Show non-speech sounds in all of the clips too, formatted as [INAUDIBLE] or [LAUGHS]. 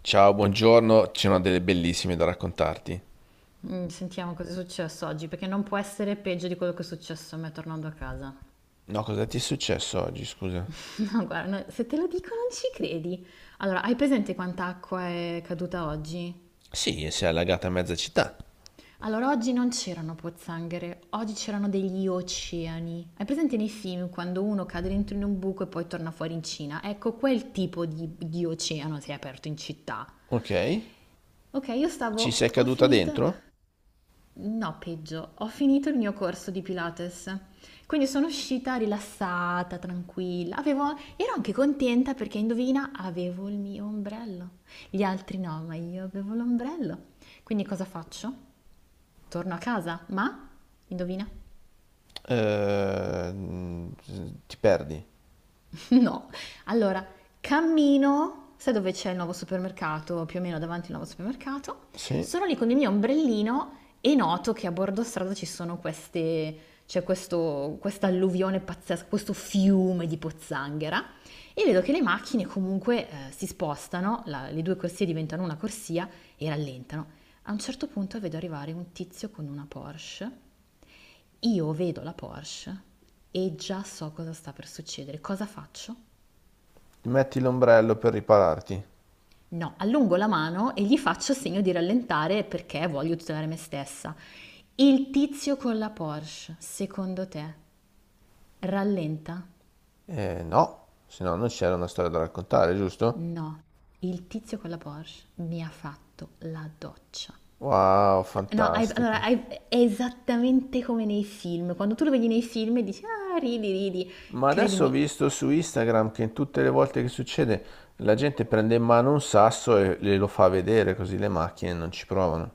Ciao, buongiorno, c'è una delle bellissime da raccontarti. Sentiamo cosa è successo oggi, perché non può essere peggio di quello che è successo a me tornando a casa. No, cosa ti è successo oggi, scusa? [LAUGHS] No, guarda, no, se te lo dico non ci credi. Allora, hai presente quanta acqua è caduta oggi? Sì, si è allagata mezza città. Allora, oggi non c'erano pozzanghere, oggi c'erano degli oceani. Hai presente nei film quando uno cade dentro in un buco e poi torna fuori in Cina? Ecco, quel tipo di oceano si è aperto in città. Ok. Ok, io Ci stavo, sei ho caduta finito. dentro? No, peggio, ho finito il mio corso di Pilates, quindi sono uscita rilassata, tranquilla. Avevo, ero anche contenta perché indovina, avevo il mio ombrello. Gli altri no, ma io avevo l'ombrello. Quindi cosa faccio? Torno a casa, ma indovina? Ehm, ti perdi? [LAUGHS] No, allora cammino, sai dove c'è il nuovo supermercato, più o meno davanti al nuovo supermercato, Sì. sono lì con il mio ombrellino e noto che a bordo strada ci sono queste, c'è questo, questa alluvione pazzesca, questo fiume di pozzanghera e vedo che le macchine comunque si spostano, le due corsie diventano una corsia e rallentano. A un certo punto vedo arrivare un tizio con una Porsche, io vedo la Porsche e già so cosa sta per succedere. Cosa faccio? Metti l'ombrello per ripararti. No, allungo la mano e gli faccio segno di rallentare perché voglio tutelare me stessa. Il tizio con la Porsche, secondo te, rallenta? No, se no non c'era una storia da raccontare, giusto? No, il tizio con la Porsche mi ha fatto la doccia. Wow, No, allora, fantastico. È esattamente come nei film. Quando tu lo vedi nei film e dici, ah, ridi, ridi. Ma adesso ho Credimi. visto su Instagram che in tutte le volte che succede la gente prende in mano un sasso e glielo fa vedere così le macchine non ci provano.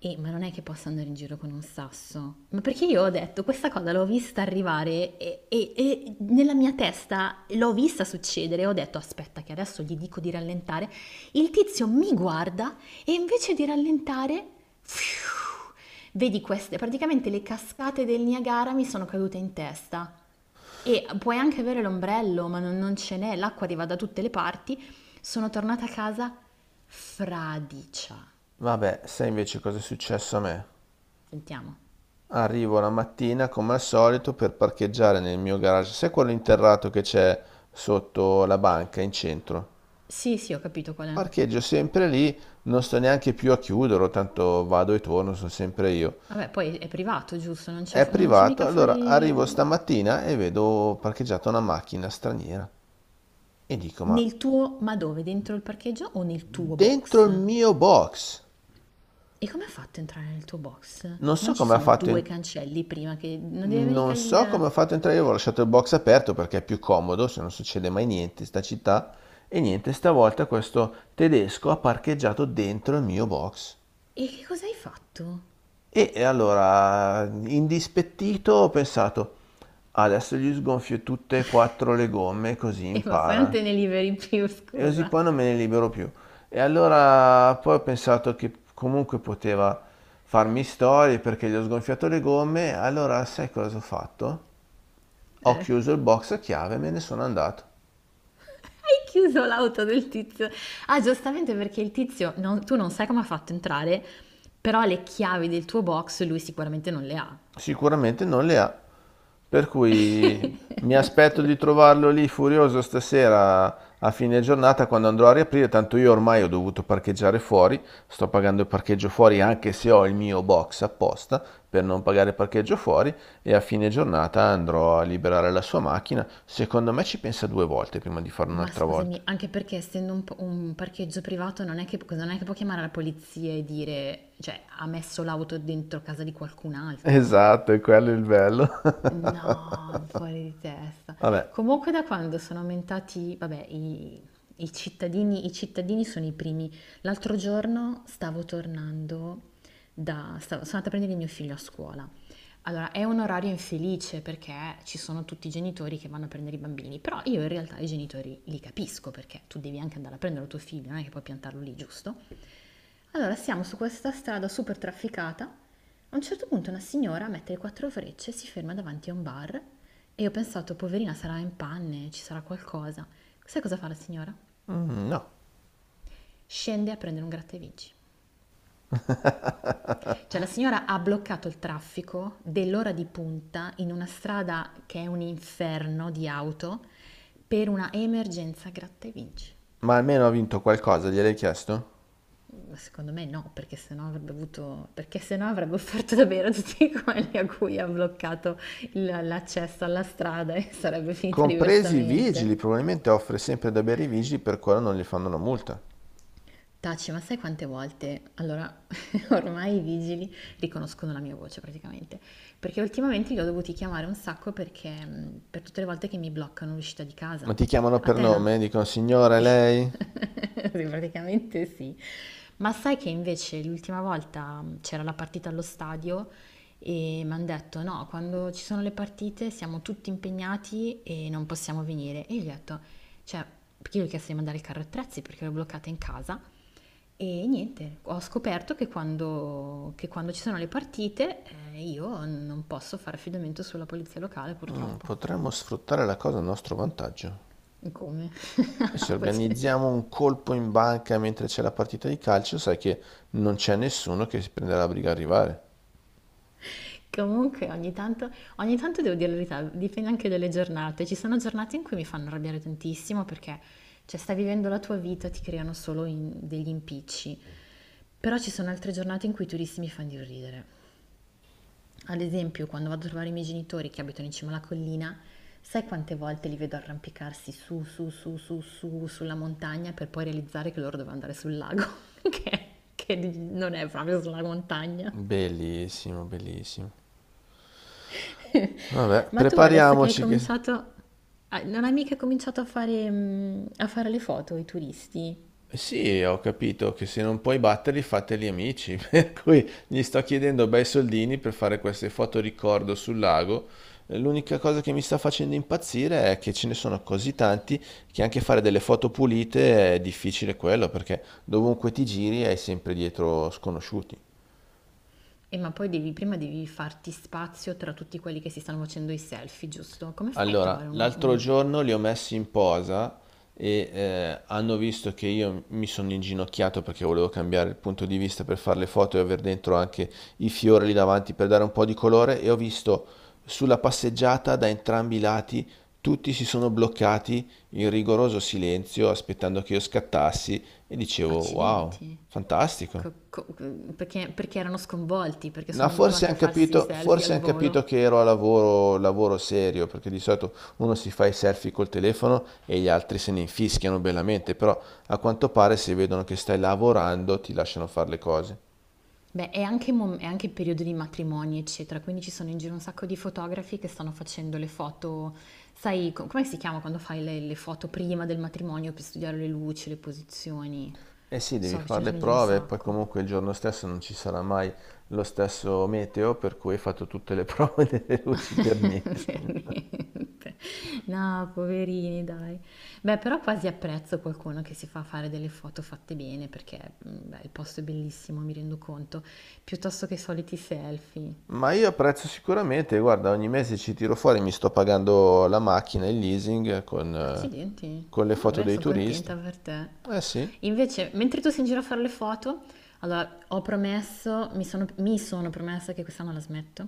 Ma non è che posso andare in giro con un sasso. Ma perché io ho detto, questa cosa l'ho vista arrivare e nella mia testa l'ho vista succedere. Ho detto, aspetta che adesso gli dico di rallentare. Il tizio mi guarda e invece di rallentare, fiu, vedi queste, praticamente le cascate del Niagara mi sono cadute in testa. E puoi anche avere l'ombrello, ma non ce n'è, l'acqua arriva da tutte le parti. Sono tornata a casa fradicia. Vabbè, sai invece cosa è successo a me? Sentiamo. Arrivo la mattina come al solito per parcheggiare nel mio garage, sai quello interrato che c'è sotto la banca in centro? Sì, sì, ho capito qual è. Parcheggio sempre lì, non sto neanche più a chiuderlo, tanto vado e torno, sono sempre io. Vabbè, poi è privato, giusto? Non c'è È non c'è privato, mica allora fuori arrivo il... stamattina e vedo parcheggiata una macchina straniera e dico, ma Nel tuo... Ma dove? Dentro il parcheggio o nel tuo dentro il box? mio box? E come ha fatto a entrare nel tuo box? Non Non so ci come ha sono fatto a due cancelli prima che... Non deve venire mica non so il... come ho fatto a entrare, io avevo lasciato il box aperto perché è più comodo, se non succede mai niente in sta città. E niente, stavolta questo tedesco ha parcheggiato dentro il mio box. E che cosa hai fatto? E allora, indispettito, ho pensato, adesso gli sgonfio tutte e quattro le gomme così E ma poi non impara. te ne liberi più, E così scusa. poi non me ne libero più. E allora poi ho pensato che comunque poteva farmi storie perché gli ho sgonfiato le gomme. Allora, sai cosa ho fatto? Ho Eh, chiuso il box a chiave e me ne sono andato. hai chiuso l'auto del tizio. Ah, giustamente perché il tizio... tu non sai come ha fatto a entrare, però le chiavi del tuo box lui sicuramente non le ha. Sicuramente non le ha. Per cui mi [LAUGHS] aspetto Scusa. di trovarlo lì furioso stasera a fine giornata quando andrò a riaprire. Tanto io ormai ho dovuto parcheggiare fuori. Sto pagando il parcheggio fuori anche se ho il mio box apposta per non pagare il parcheggio fuori. E a fine giornata andrò a liberare la sua macchina. Secondo me ci pensa due volte prima di farlo Ma un'altra volta. scusami, [LAUGHS] anche perché essendo un parcheggio privato non è che, non è che può chiamare la polizia e dire, cioè, ha messo l'auto dentro casa di qualcun altro. Esatto, è quello è il bello. [LAUGHS] No, fuori di testa. Vabbè. Comunque da quando sono aumentati, vabbè, i cittadini sono i primi. L'altro giorno stavo tornando da... sono andata a prendere il mio figlio a scuola. Allora, è un orario infelice perché ci sono tutti i genitori che vanno a prendere i bambini, però io in realtà i genitori li capisco perché tu devi anche andare a prendere il tuo figlio, non è che puoi piantarlo lì, giusto? Allora, siamo su questa strada super trafficata. A un certo punto una signora mette le quattro frecce, si ferma davanti a un bar e io ho pensato, poverina, sarà in panne, ci sarà qualcosa. Sai cosa fa la signora? Mm, no. Scende a prendere un gratta e vinci. Cioè la signora ha bloccato il traffico dell'ora di punta in una strada che è un inferno di auto per una emergenza gratta e vinci. Ma almeno ha vinto qualcosa, gliel'hai chiesto? Secondo me no, perché sennò avrebbe avuto, perché sennò avrebbe offerto davvero a tutti [LAUGHS] quelli a cui ha bloccato l'accesso alla strada e sarebbe finita Compresi i diversamente. vigili, probabilmente offre sempre da bere i vigili, per quello non gli fanno una multa. Taci, ma sai quante volte? Allora, [LAUGHS] ormai i vigili riconoscono la mia voce praticamente. Perché ultimamente li ho dovuti chiamare un sacco perché per tutte le volte che mi bloccano l'uscita di Ma casa. ti chiamano A per te non... nome? Dicono signore, lei? [LAUGHS] Sì, praticamente sì. Ma sai che invece l'ultima volta c'era la partita allo stadio e mi hanno detto no, quando ci sono le partite siamo tutti impegnati e non possiamo venire. E io gli ho detto, cioè, perché io gli ho chiesto di mandare il carro attrezzi perché l'ho bloccata in casa. E niente, ho scoperto che quando ci sono le partite, io non posso fare affidamento sulla polizia locale, Mm, purtroppo. potremmo sfruttare la cosa a nostro vantaggio. Come? E [LAUGHS] se organizziamo un colpo in banca mentre c'è la partita di calcio, sai che non c'è nessuno che si prende la briga a arrivare. Comunque ogni tanto devo dire la verità, dipende anche dalle giornate. Ci sono giornate in cui mi fanno arrabbiare tantissimo perché cioè, stai vivendo la tua vita, ti creano solo degli impicci. Però ci sono altre giornate in cui i turisti mi fanno di ridere. Ad esempio, quando vado a trovare i miei genitori che abitano in cima alla collina, sai quante volte li vedo arrampicarsi su, su, su, su, su, sulla montagna per poi realizzare che loro dovevano andare sul lago, [LAUGHS] che, che non è proprio sulla montagna. Bellissimo, bellissimo. Vabbè, Ma tu adesso che hai prepariamoci che... cominciato, ah, non hai mica cominciato a fare, a fare le foto ai turisti? Sì, ho capito che se non puoi batterli, fateli amici. [LAUGHS] Per cui gli sto chiedendo bei soldini per fare queste foto ricordo sul lago. L'unica cosa che mi sta facendo impazzire è che ce ne sono così tanti che anche fare delle foto pulite è difficile quello, perché dovunque ti giri hai sempre dietro sconosciuti. E ma poi devi, prima devi farti spazio tra tutti quelli che si stanno facendo i selfie, giusto? Come fai a Allora, trovare uno, l'altro un... giorno li ho messi in posa e hanno visto che io mi sono inginocchiato perché volevo cambiare il punto di vista per fare le foto e aver dentro anche i fiori lì davanti per dare un po' di colore e ho visto sulla passeggiata da entrambi i lati tutti si sono bloccati in rigoroso silenzio aspettando che io scattassi e dicevo wow, Accidenti. co- fantastico. co- perché, perché erano sconvolti, perché No, sono forse abituati a hanno farsi i capito, selfie forse al han capito volo. che ero a lavoro, lavoro serio, perché di solito uno si fa i selfie col telefono e gli altri se ne infischiano bellamente, però a quanto pare se vedono che stai lavorando ti lasciano fare le cose. Beh, è anche, è anche il periodo di matrimoni, eccetera, quindi ci sono in giro un sacco di fotografi che stanno facendo le foto, sai, come si chiama quando fai le foto prima del matrimonio per studiare le luci, le posizioni? Eh sì, devi So che ce fare ne le sono in giro un prove, poi sacco. comunque il giorno stesso non ci sarà mai lo stesso meteo, per cui hai fatto tutte le prove [LAUGHS] delle luci per [LAUGHS] niente. Per niente. No, poverini, dai. Beh, però quasi apprezzo qualcuno che si fa fare delle foto fatte bene perché beh, il posto è bellissimo, mi rendo conto, piuttosto che i soliti selfie. Ma io apprezzo sicuramente, guarda, ogni mese ci tiro fuori, mi sto pagando la macchina, il leasing Accidenti. con le No, foto vabbè, dei sono turisti. contenta per te. Eh sì. Invece, mentre tu sei in giro a fare le foto, allora ho promesso, mi sono promessa che quest'anno la smetto,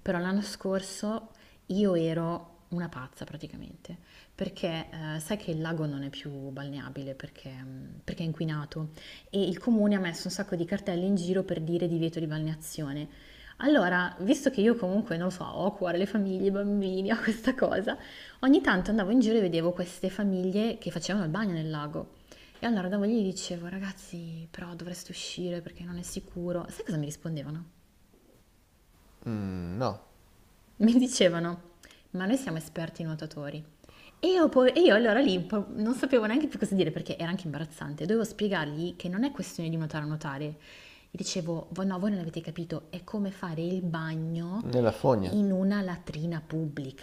però l'anno scorso io ero una pazza praticamente, perché sai che il lago non è più balneabile perché, perché è inquinato e il comune ha messo un sacco di cartelle in giro per dire divieto di balneazione. Allora, visto che io comunque, non lo so, ho a cuore le famiglie, i bambini, ho questa cosa, ogni tanto andavo in giro e vedevo queste famiglie che facevano il bagno nel lago. E allora andavo lì e gli dicevo, ragazzi, però dovreste uscire perché non è sicuro. Sai cosa mi rispondevano? Mm, no, Mi dicevano, ma noi siamo esperti nuotatori. E io, e io allora lì un po' non sapevo neanche più cosa dire perché era anche imbarazzante. Dovevo spiegargli che non è questione di nuotare o nuotare. Gli dicevo, no, voi non avete capito, è come fare il bagno nella fogna. in una latrina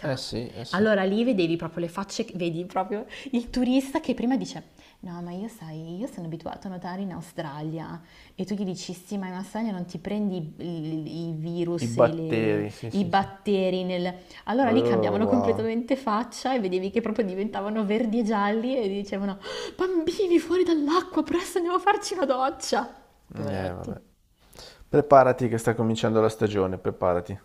Eh sì, eh sì. Allora lì vedevi proprio le facce, vedi proprio il turista che prima dice, no, ma io sai, io sono abituato a nuotare in Australia. E tu gli dici, sì, ma in Australia non ti prendi i I virus e le, batteri, sì, i sì, sì. batteri nel... Allora lì Oh, cambiavano wow. completamente faccia e vedevi che proprio diventavano verdi e gialli e dicevano "Ah, bambini fuori dall'acqua, presto andiamo a farci una doccia". Vabbè. Poveretti. Preparati che sta cominciando la stagione, preparati.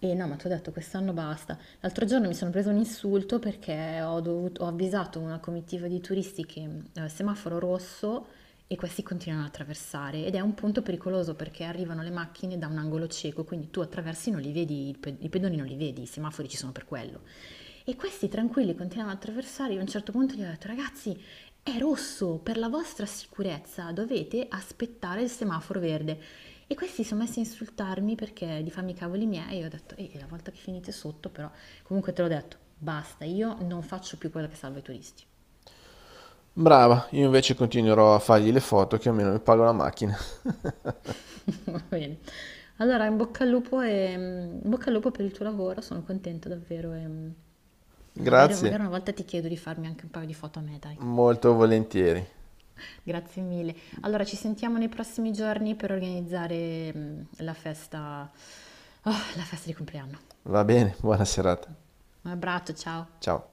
E no, ma ti ho detto, quest'anno basta. L'altro giorno mi sono preso un insulto perché ho avvisato una comitiva di turisti che semaforo rosso e questi continuano ad attraversare ed è un punto pericoloso perché arrivano le macchine da un angolo cieco, quindi tu attraversi non li vedi, i pedoni non li vedi, i semafori ci sono per quello. E questi tranquilli continuano ad attraversare, io a un certo punto gli ho detto, ragazzi, è rosso, per la vostra sicurezza dovete aspettare il semaforo verde. E questi si sono messi a insultarmi perché di farmi i cavoli miei, e io ho detto, ehi, la volta che finite sotto però, comunque te l'ho detto, basta, io non faccio più quella che salva i turisti. Brava, io invece continuerò a fargli le foto che almeno mi pago la macchina. [LAUGHS] [LAUGHS] Va bene. Allora, in bocca al lupo e in bocca al lupo per il tuo lavoro, sono contenta davvero e magari, magari Grazie, una volta ti chiedo di farmi anche un paio di foto a me, dai. molto volentieri. Grazie mille. Allora, ci sentiamo nei prossimi giorni per organizzare la festa, ah, la festa di compleanno. Va bene, buona serata. Un abbraccio, ciao. Ciao.